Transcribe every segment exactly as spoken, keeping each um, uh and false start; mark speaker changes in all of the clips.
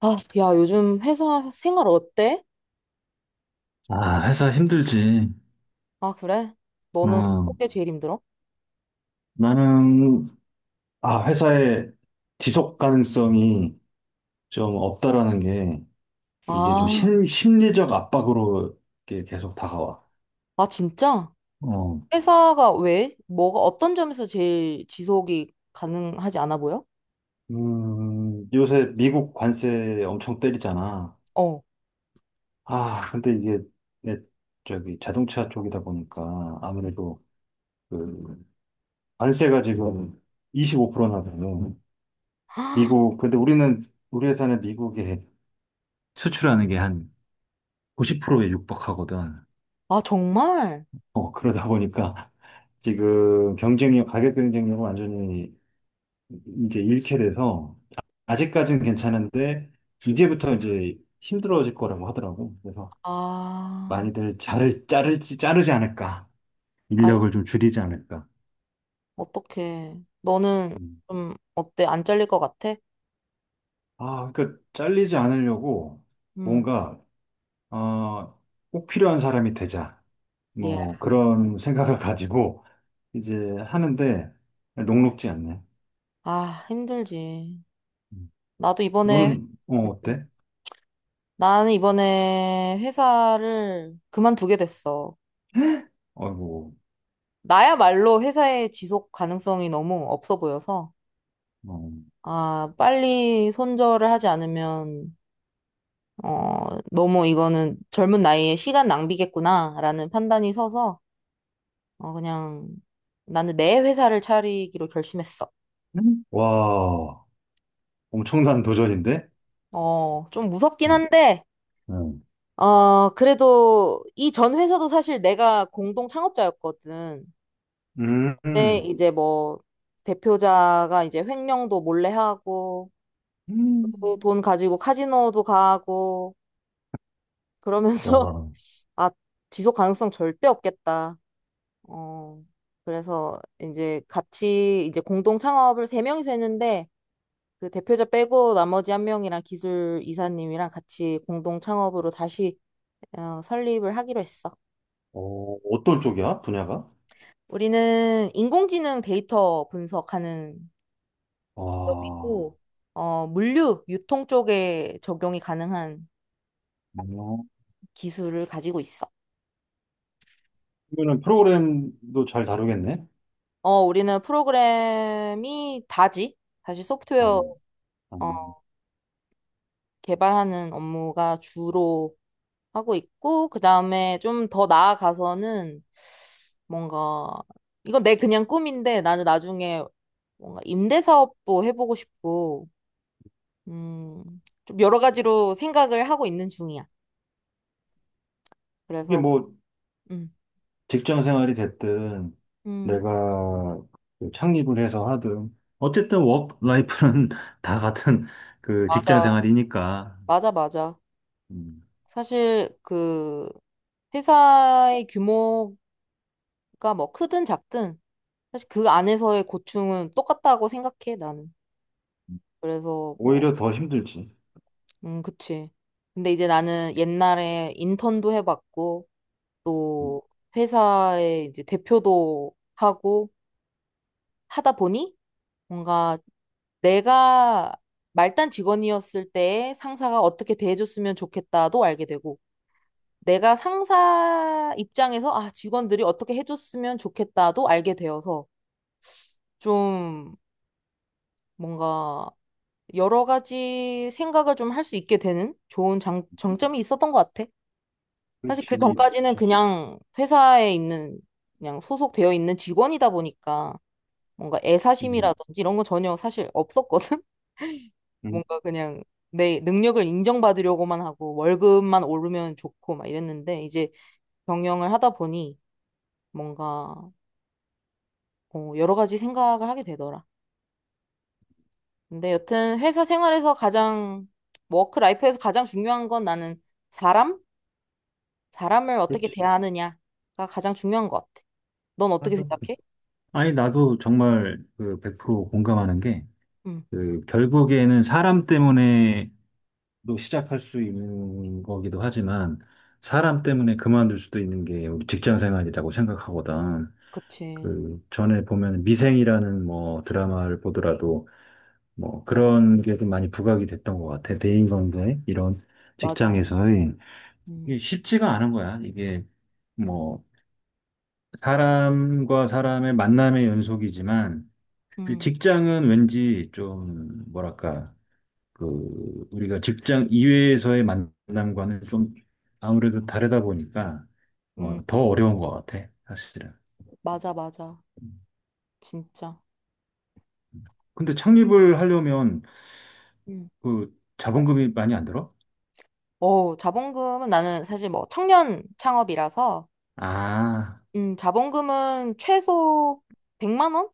Speaker 1: 아, 야, 요즘 회사 생활 어때?
Speaker 2: 아, 회사 힘들지.
Speaker 1: 아, 그래? 너는 어떤
Speaker 2: 어,
Speaker 1: 게 제일 힘들어?
Speaker 2: 나는, 아, 회사의 지속 가능성이 좀 없다라는 게 이게 좀
Speaker 1: 아,
Speaker 2: 심, 심리적 압박으로 이렇게 계속 다가와.
Speaker 1: 아, 진짜?
Speaker 2: 어,
Speaker 1: 회사가 왜? 뭐가, 어떤 점에서 제일 지속이 가능하지 않아 보여?
Speaker 2: 음, 요새 미국 관세 엄청 때리잖아.
Speaker 1: 어.
Speaker 2: 아, 근데 이게 내 저기 자동차 쪽이다 보니까 아무래도 그 관세가 지금 이십오 프로나 돼요. 미국, 근데 우리는, 우리 회사는 미국에 수출하는 게한 구십 프로에 육박하거든.
Speaker 1: 아, 정말?
Speaker 2: 어, 그러다 보니까 지금 경쟁력, 가격 경쟁력을 완전히 이제 잃게 돼서 아직까지는 괜찮은데 이제부터 이제 힘들어질 거라고 하더라고. 그래서
Speaker 1: 아,
Speaker 2: 많이들 자를, 자르지, 자르지 않을까.
Speaker 1: 아이,
Speaker 2: 인력을 좀 줄이지 않을까.
Speaker 1: 어떡해. 너는
Speaker 2: 음.
Speaker 1: 좀 어때? 안 잘릴 것 같아?
Speaker 2: 아, 그러니까 잘리지 않으려고
Speaker 1: 음,
Speaker 2: 뭔가, 어, 꼭 필요한 사람이 되자.
Speaker 1: 예.
Speaker 2: 뭐 그런 생각을 가지고 이제 하는데 녹록지 않네.
Speaker 1: 아, 힘들지. 나도 이번에,
Speaker 2: 너는, 어,
Speaker 1: 음,
Speaker 2: 어때?
Speaker 1: 나는 이번에 회사를 그만두게 됐어.
Speaker 2: 아이고,
Speaker 1: 나야말로 회사의 지속 가능성이 너무 없어 보여서,
Speaker 2: 어.
Speaker 1: 아, 빨리 손절을 하지 않으면, 어, 너무 이거는 젊은 나이에 시간 낭비겠구나라는 판단이 서서, 어, 그냥 나는 내 회사를 차리기로 결심했어.
Speaker 2: 음. 와, 엄청난 도전인데?
Speaker 1: 어, 좀 무섭긴
Speaker 2: 음,
Speaker 1: 한데,
Speaker 2: 음,
Speaker 1: 어, 그래도 이 전 회사도 사실 내가 공동 창업자였거든.
Speaker 2: 음,
Speaker 1: 근데
Speaker 2: 음.
Speaker 1: 이제 뭐, 대표자가 이제 횡령도 몰래 하고,
Speaker 2: 음.
Speaker 1: 그돈 가지고 카지노도 가고, 그러면서
Speaker 2: 와,
Speaker 1: 아, 지속 가능성 절대 없겠다. 어, 그래서 이제 같이 이제 공동 창업을 세 명이서 했는데 그 대표자 빼고 나머지 한 명이랑 기술 이사님이랑 같이 공동 창업으로 다시 어, 설립을 하기로 했어.
Speaker 2: 어, 어떤 쪽이야, 분야가?
Speaker 1: 우리는 인공지능 데이터 분석하는
Speaker 2: 와, 어,
Speaker 1: 기업이고 어, 물류 유통 쪽에 적용이 가능한 기술을 가지고 있어.
Speaker 2: 그러면 프로그램도 잘 다루겠네?
Speaker 1: 어, 우리는 프로그램이 다지. 사실
Speaker 2: 아,
Speaker 1: 소프트웨어
Speaker 2: 아.
Speaker 1: 어, 개발하는 업무가 주로 하고 있고, 그 다음에 좀 더 나아가서는 뭔가, 이건 내 그냥 꿈인데 나는 나중에 뭔가 임대사업도 해보고 싶고, 음, 좀 여러 가지로 생각을 하고 있는 중이야.
Speaker 2: 이게
Speaker 1: 그래서,
Speaker 2: 뭐,
Speaker 1: 음,
Speaker 2: 직장 생활이 됐든,
Speaker 1: 음,
Speaker 2: 내가 그 창립을 해서 하든, 어쨌든 워크라이프는 다 같은 그 직장
Speaker 1: 맞아.
Speaker 2: 생활이니까,
Speaker 1: 맞아, 맞아.
Speaker 2: 음,
Speaker 1: 사실 그 회사의 규모가 뭐 크든 작든 사실 그 안에서의 고충은 똑같다고 생각해, 나는. 그래서 뭐
Speaker 2: 오히려 더 힘들지.
Speaker 1: 음, 그치. 근데 이제 나는 옛날에 인턴도 해봤고,
Speaker 2: 음,
Speaker 1: 또 회사의 이제 대표도 하고 하다 보니 뭔가 내가 말단 직원이었을 때 상사가 어떻게 대해줬으면 좋겠다도 알게 되고, 내가 상사 입장에서 아, 직원들이 어떻게 해줬으면 좋겠다도 알게 되어서 좀 뭔가 여러 가지 생각을 좀 할 수 있게 되는 좋은 장, 장점이 있었던 것 같아. 사실 그
Speaker 2: 그렇지. 이-
Speaker 1: 전까지는
Speaker 2: 자,
Speaker 1: 그냥 회사에 있는, 그냥 소속되어 있는 직원이다 보니까 뭔가
Speaker 2: 음,
Speaker 1: 애사심이라든지 이런 거 전혀 사실 없었거든?
Speaker 2: 음,
Speaker 1: 뭔가 그냥 내 능력을 인정받으려고만 하고 월급만 오르면 좋고 막 이랬는데 이제 경영을 하다 보니 뭔가 어, 여러 가지 생각을 하게 되더라. 근데 여튼 회사 생활에서 가장, 워크 라이프에서 가장 중요한 건 나는 사람? 사람을 어떻게
Speaker 2: 그렇지.
Speaker 1: 대하느냐가 가장 중요한 것 같아. 넌 어떻게
Speaker 2: 맞아.
Speaker 1: 생각해?
Speaker 2: 아니, 나도 정말 그 백 프로 공감하는 게,
Speaker 1: 음,
Speaker 2: 그, 결국에는 사람 때문에도 시작할 수 있는 거기도 하지만, 사람 때문에 그만둘 수도 있는 게 우리 직장 생활이라고 생각하거든.
Speaker 1: 그치.
Speaker 2: 그, 전에 보면 미생이라는 뭐 드라마를 보더라도, 뭐 그런 게 좀 많이 부각이 됐던 것 같아. 대인관계, 이런
Speaker 1: 맞아.
Speaker 2: 직장에서의.
Speaker 1: 음,
Speaker 2: 이게 쉽지가 않은 거야. 이게, 뭐 사람과 사람의 만남의 연속이지만 이
Speaker 1: 음,
Speaker 2: 직장은 왠지 좀 뭐랄까 그 우리가 직장 이외에서의 만남과는 좀 아무래도 다르다 보니까 어,
Speaker 1: 음,
Speaker 2: 더 어려운 것 같아 사실은.
Speaker 1: 맞아, 맞아. 진짜.
Speaker 2: 근데 창립을 하려면
Speaker 1: 음.
Speaker 2: 그 자본금이 많이 안 들어?
Speaker 1: 오 자본금은 나는 사실 뭐 청년 창업이라서,
Speaker 2: 아,
Speaker 1: 음, 자본금은 최소 백만 원?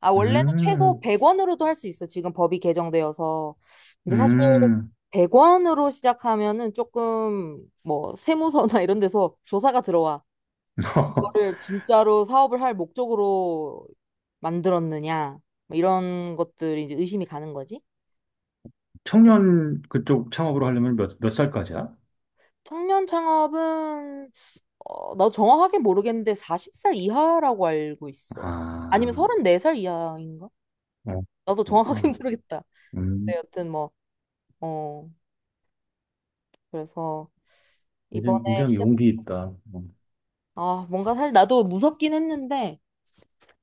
Speaker 1: 아, 원래는 최소
Speaker 2: 음,
Speaker 1: 백 원으로도 할 수 있어. 지금 법이 개정되어서. 근데 사실
Speaker 2: 음.
Speaker 1: 백 원으로 시작하면은 조금 뭐 세무서나 이런 데서 조사가 들어와. 이거를 진짜로 사업을 할 목적으로 만들었느냐. 뭐 이런 것들이 이제 의심이 가는 거지.
Speaker 2: 청년 그쪽 창업으로 하려면 몇, 몇 살까지야?
Speaker 1: 청년 창업은 어, 나도 정확하게 모르겠는데 마흔 살 이하라고 알고 있어. 아니면 음,
Speaker 2: 아,
Speaker 1: 서른네 살 이하인가?
Speaker 2: 어,
Speaker 1: 나도 정확하게
Speaker 2: 그렇구나.
Speaker 1: 모르겠다. 네,
Speaker 2: 음.
Speaker 1: 여튼 뭐, 어, 그래서
Speaker 2: 예전
Speaker 1: 이번에
Speaker 2: 굉장히
Speaker 1: 시작,
Speaker 2: 용기 있다. 음,
Speaker 1: 아, 뭔가 사실 나도 무섭긴 했는데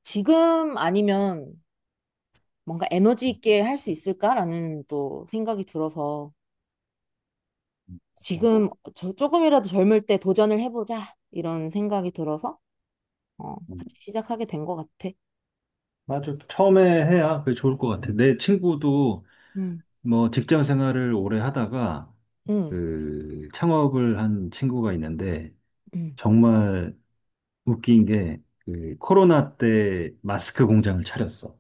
Speaker 1: 지금 아니면 뭔가 에너지
Speaker 2: 음,
Speaker 1: 있게 할 수 있을까라는 또 생각이 들어서
Speaker 2: 음, 맞아.
Speaker 1: 지금 저 조금이라도 젊을 때 도전을 해보자 이런 생각이 들어서 어,
Speaker 2: 음.
Speaker 1: 같이 시작하게 된 것 같아.
Speaker 2: 맞아. 처음에 해야 그게 좋을 것 같아. 내 친구도
Speaker 1: 음,
Speaker 2: 뭐 직장 생활을 오래 하다가
Speaker 1: 음,
Speaker 2: 그 창업을 한 친구가 있는데
Speaker 1: 음.
Speaker 2: 정말 웃긴 게 그 코로나 때 마스크 공장을 차렸어.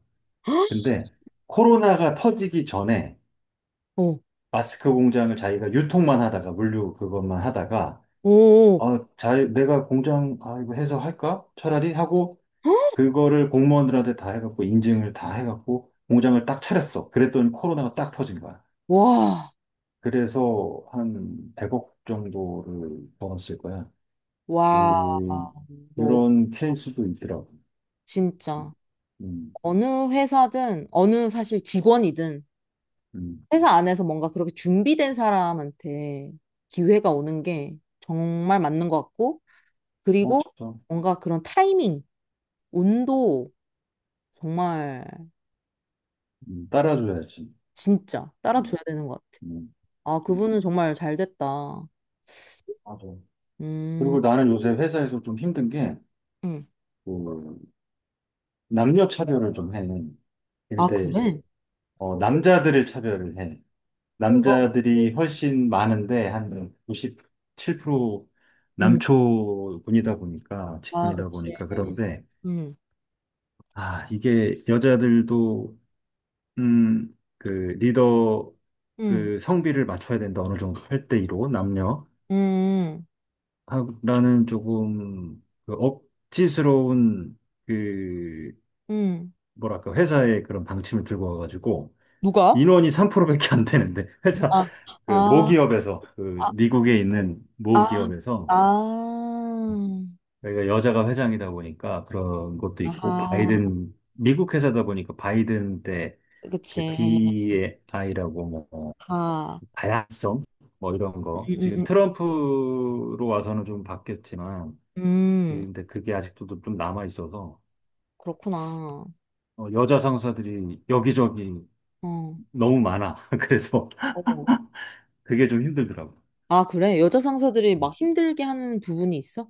Speaker 2: 근데 코로나가 터지기 전에
Speaker 1: 오,
Speaker 2: 마스크 공장을 자기가 유통만 하다가 물류 그것만 하다가
Speaker 1: 오,
Speaker 2: 어, 자, 내가 공장 아 이거 해서 할까? 차라리 하고 그거를 공무원들한테 다 해갖고 인증을 다 해갖고 공장을 딱 차렸어. 그랬더니 코로나가 딱 터진 거야.
Speaker 1: 와,
Speaker 2: 그래서 한 백억 정도를 벌었을 거야.
Speaker 1: 와,
Speaker 2: 그,
Speaker 1: 너
Speaker 2: 이런 케이스도 있더라고.
Speaker 1: 진짜
Speaker 2: 음,
Speaker 1: 어느 회사든 어느 사실 직원이든
Speaker 2: 음,
Speaker 1: 회사 안에서 뭔가 그렇게 준비된 사람한테 기회가 오는 게 정말 맞는 것 같고 그리고
Speaker 2: 맞죠.
Speaker 1: 뭔가 그런 타이밍, 운도 정말
Speaker 2: 음, 따라줘야지.
Speaker 1: 진짜
Speaker 2: 음,
Speaker 1: 따라줘야 되는 것 같아.
Speaker 2: 음,
Speaker 1: 아,
Speaker 2: 음.
Speaker 1: 그분은 정말 잘 됐다.
Speaker 2: 맞아.
Speaker 1: 음,
Speaker 2: 그리고 나는 요새 회사에서 좀 힘든 게,
Speaker 1: 음.
Speaker 2: 그, 남녀 차별을 좀 해.
Speaker 1: 아,
Speaker 2: 근데,
Speaker 1: 그래?
Speaker 2: 어, 남자들을 차별을 해.
Speaker 1: 어,
Speaker 2: 남자들이 훨씬 많은데 한 구십칠 프로
Speaker 1: 음.
Speaker 2: 남초군이다 보니까
Speaker 1: 아,
Speaker 2: 직군이다
Speaker 1: 그치.
Speaker 2: 보니까 그런데
Speaker 1: 음,
Speaker 2: 아 이게 여자들도 음 그 리더
Speaker 1: 음,
Speaker 2: 그 성비를 맞춰야 된다 어느 정도 팔 대 이로 남녀
Speaker 1: 음,
Speaker 2: 하라는 조금 그 억지스러운 그
Speaker 1: 음.
Speaker 2: 뭐랄까 회사의 그런 방침을 들고 와가지고
Speaker 1: 누가?
Speaker 2: 인원이 삼 프로밖에 안 되는데 회사
Speaker 1: 아,
Speaker 2: 그
Speaker 1: 아,
Speaker 2: 모기업에서 그
Speaker 1: 아,
Speaker 2: 미국에 있는
Speaker 1: 아,
Speaker 2: 모기업에서
Speaker 1: 아,
Speaker 2: 내가 여자가 회장이다 보니까 그런 것도 있고,
Speaker 1: 아하,
Speaker 2: 바이든, 미국 회사다 보니까 바이든 때 그
Speaker 1: 그치,
Speaker 2: 디이아이라고 뭐,
Speaker 1: 아하,
Speaker 2: 다양성? 뭐 이런
Speaker 1: 음,
Speaker 2: 거. 지금
Speaker 1: 음,
Speaker 2: 트럼프로 와서는 좀 바뀌었지만,
Speaker 1: 음, 음,
Speaker 2: 근데 그게 아직도 좀 남아있어서,
Speaker 1: 그렇구나,
Speaker 2: 어, 여자 상사들이 여기저기
Speaker 1: 어,
Speaker 2: 너무 많아. 그래서
Speaker 1: 어,
Speaker 2: 그게 좀 힘들더라고.
Speaker 1: 아, 그래, 여자 상사들이 막
Speaker 2: 음.
Speaker 1: 힘들게 하는 부분이 있어?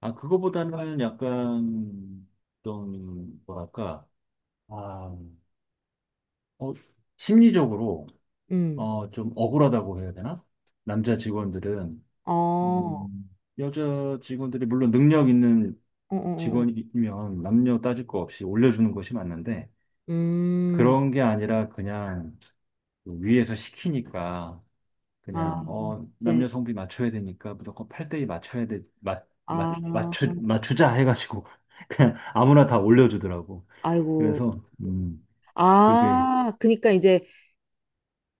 Speaker 2: 아, 그거보다는 약간 좀, 뭐랄까, 아, 어, 심리적으로,
Speaker 1: 음,
Speaker 2: 어, 좀 억울하다고 해야 되나? 남자 직원들은,
Speaker 1: 어, 어,
Speaker 2: 음, 여자 직원들이 물론 능력 있는
Speaker 1: 어, 어. 어.
Speaker 2: 직원이면 남녀 따질 거 없이 올려주는 것이 맞는데,
Speaker 1: 음,
Speaker 2: 그런 게 아니라 그냥 위에서 시키니까,
Speaker 1: 아,
Speaker 2: 그냥, 어,
Speaker 1: 이제,
Speaker 2: 남녀 성비 맞춰야 되니까 무조건 팔 대이 맞춰야 돼, 맞, 맞,
Speaker 1: 아,
Speaker 2: 맞추, 맞추자 해가지고, 그냥 아무나 다 올려주더라고.
Speaker 1: 아이고,
Speaker 2: 그래서, 음, 그게,
Speaker 1: 아, 그니까 이제,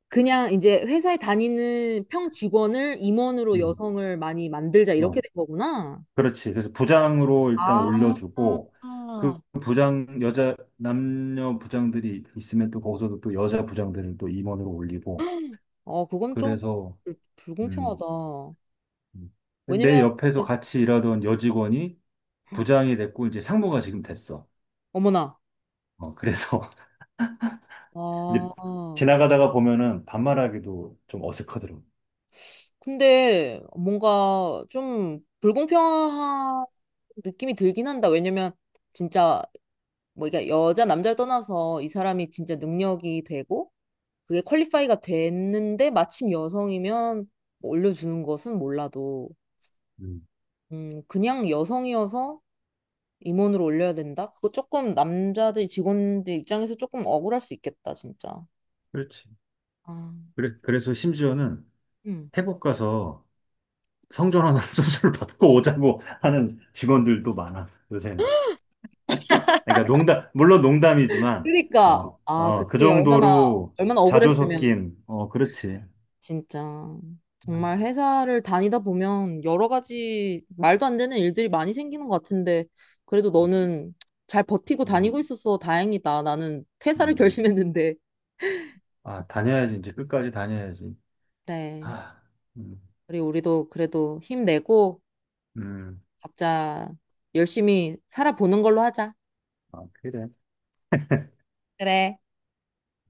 Speaker 1: 그냥 이제 회사에 다니는 평 직원을 임원으로
Speaker 2: 음,
Speaker 1: 여성을 많이 만들자,
Speaker 2: 어,
Speaker 1: 이렇게 된 거구나.
Speaker 2: 그렇지. 그래서 부장으로 일단
Speaker 1: 아,
Speaker 2: 올려주고, 그 부장, 여자, 남녀 부장들이 있으면 또 거기서도 또 여자 부장들을 또 임원으로 올리고,
Speaker 1: 어, 그건 좀
Speaker 2: 그래서,
Speaker 1: 불-
Speaker 2: 음,
Speaker 1: 불공평하다.
Speaker 2: 음. 내
Speaker 1: 왜냐면,
Speaker 2: 옆에서 같이 일하던 여직원이 부장이 됐고, 이제 상무가 지금 됐어.
Speaker 1: 어머나,
Speaker 2: 어, 그래서 이제
Speaker 1: 아,
Speaker 2: 지나가다가 보면은 반말하기도 좀 어색하더라고.
Speaker 1: 근데 뭔가 좀 불공평한 느낌이 들긴 한다. 왜냐면, 진짜, 뭐, 이게 여자, 남자를 떠나서 이 사람이 진짜 능력이 되고, 그게 퀄리파이가 됐는데, 마침 여성이면 뭐 올려주는 것은 몰라도,
Speaker 2: 음,
Speaker 1: 음, 그냥 여성이어서 임원으로 올려야 된다? 그거 조금 남자들 직원들 입장에서 조금 억울할 수 있겠다, 진짜.
Speaker 2: 그렇지.
Speaker 1: 아,
Speaker 2: 그래, 그래서 심지어는
Speaker 1: 음.
Speaker 2: 태국 가서 성전환 수술 받고 오자고 하는 직원들도 많아, 요새는. 그러니까 농담, 물론 농담이지만,
Speaker 1: 그러니까
Speaker 2: 어,
Speaker 1: 아,
Speaker 2: 어, 그
Speaker 1: 그때 얼마나
Speaker 2: 정도로
Speaker 1: 얼마나
Speaker 2: 자주
Speaker 1: 억울했으면
Speaker 2: 섞인, 어, 그렇지.
Speaker 1: 진짜 정말 회사를 다니다 보면 여러 가지 말도 안 되는 일들이 많이 생기는 것 같은데 그래도 너는 잘 버티고
Speaker 2: 음,
Speaker 1: 다니고 있어서 다행이다. 나는 퇴사를
Speaker 2: 음,
Speaker 1: 결심했는데.
Speaker 2: 아, 다녀야지. 이제 끝까지 다녀야지.
Speaker 1: 그래.
Speaker 2: 아, 음,
Speaker 1: 우리 우리도 그래도 힘내고
Speaker 2: 음.
Speaker 1: 각자 열심히 살아보는 걸로 하자.
Speaker 2: 아, 그래.
Speaker 1: 그래.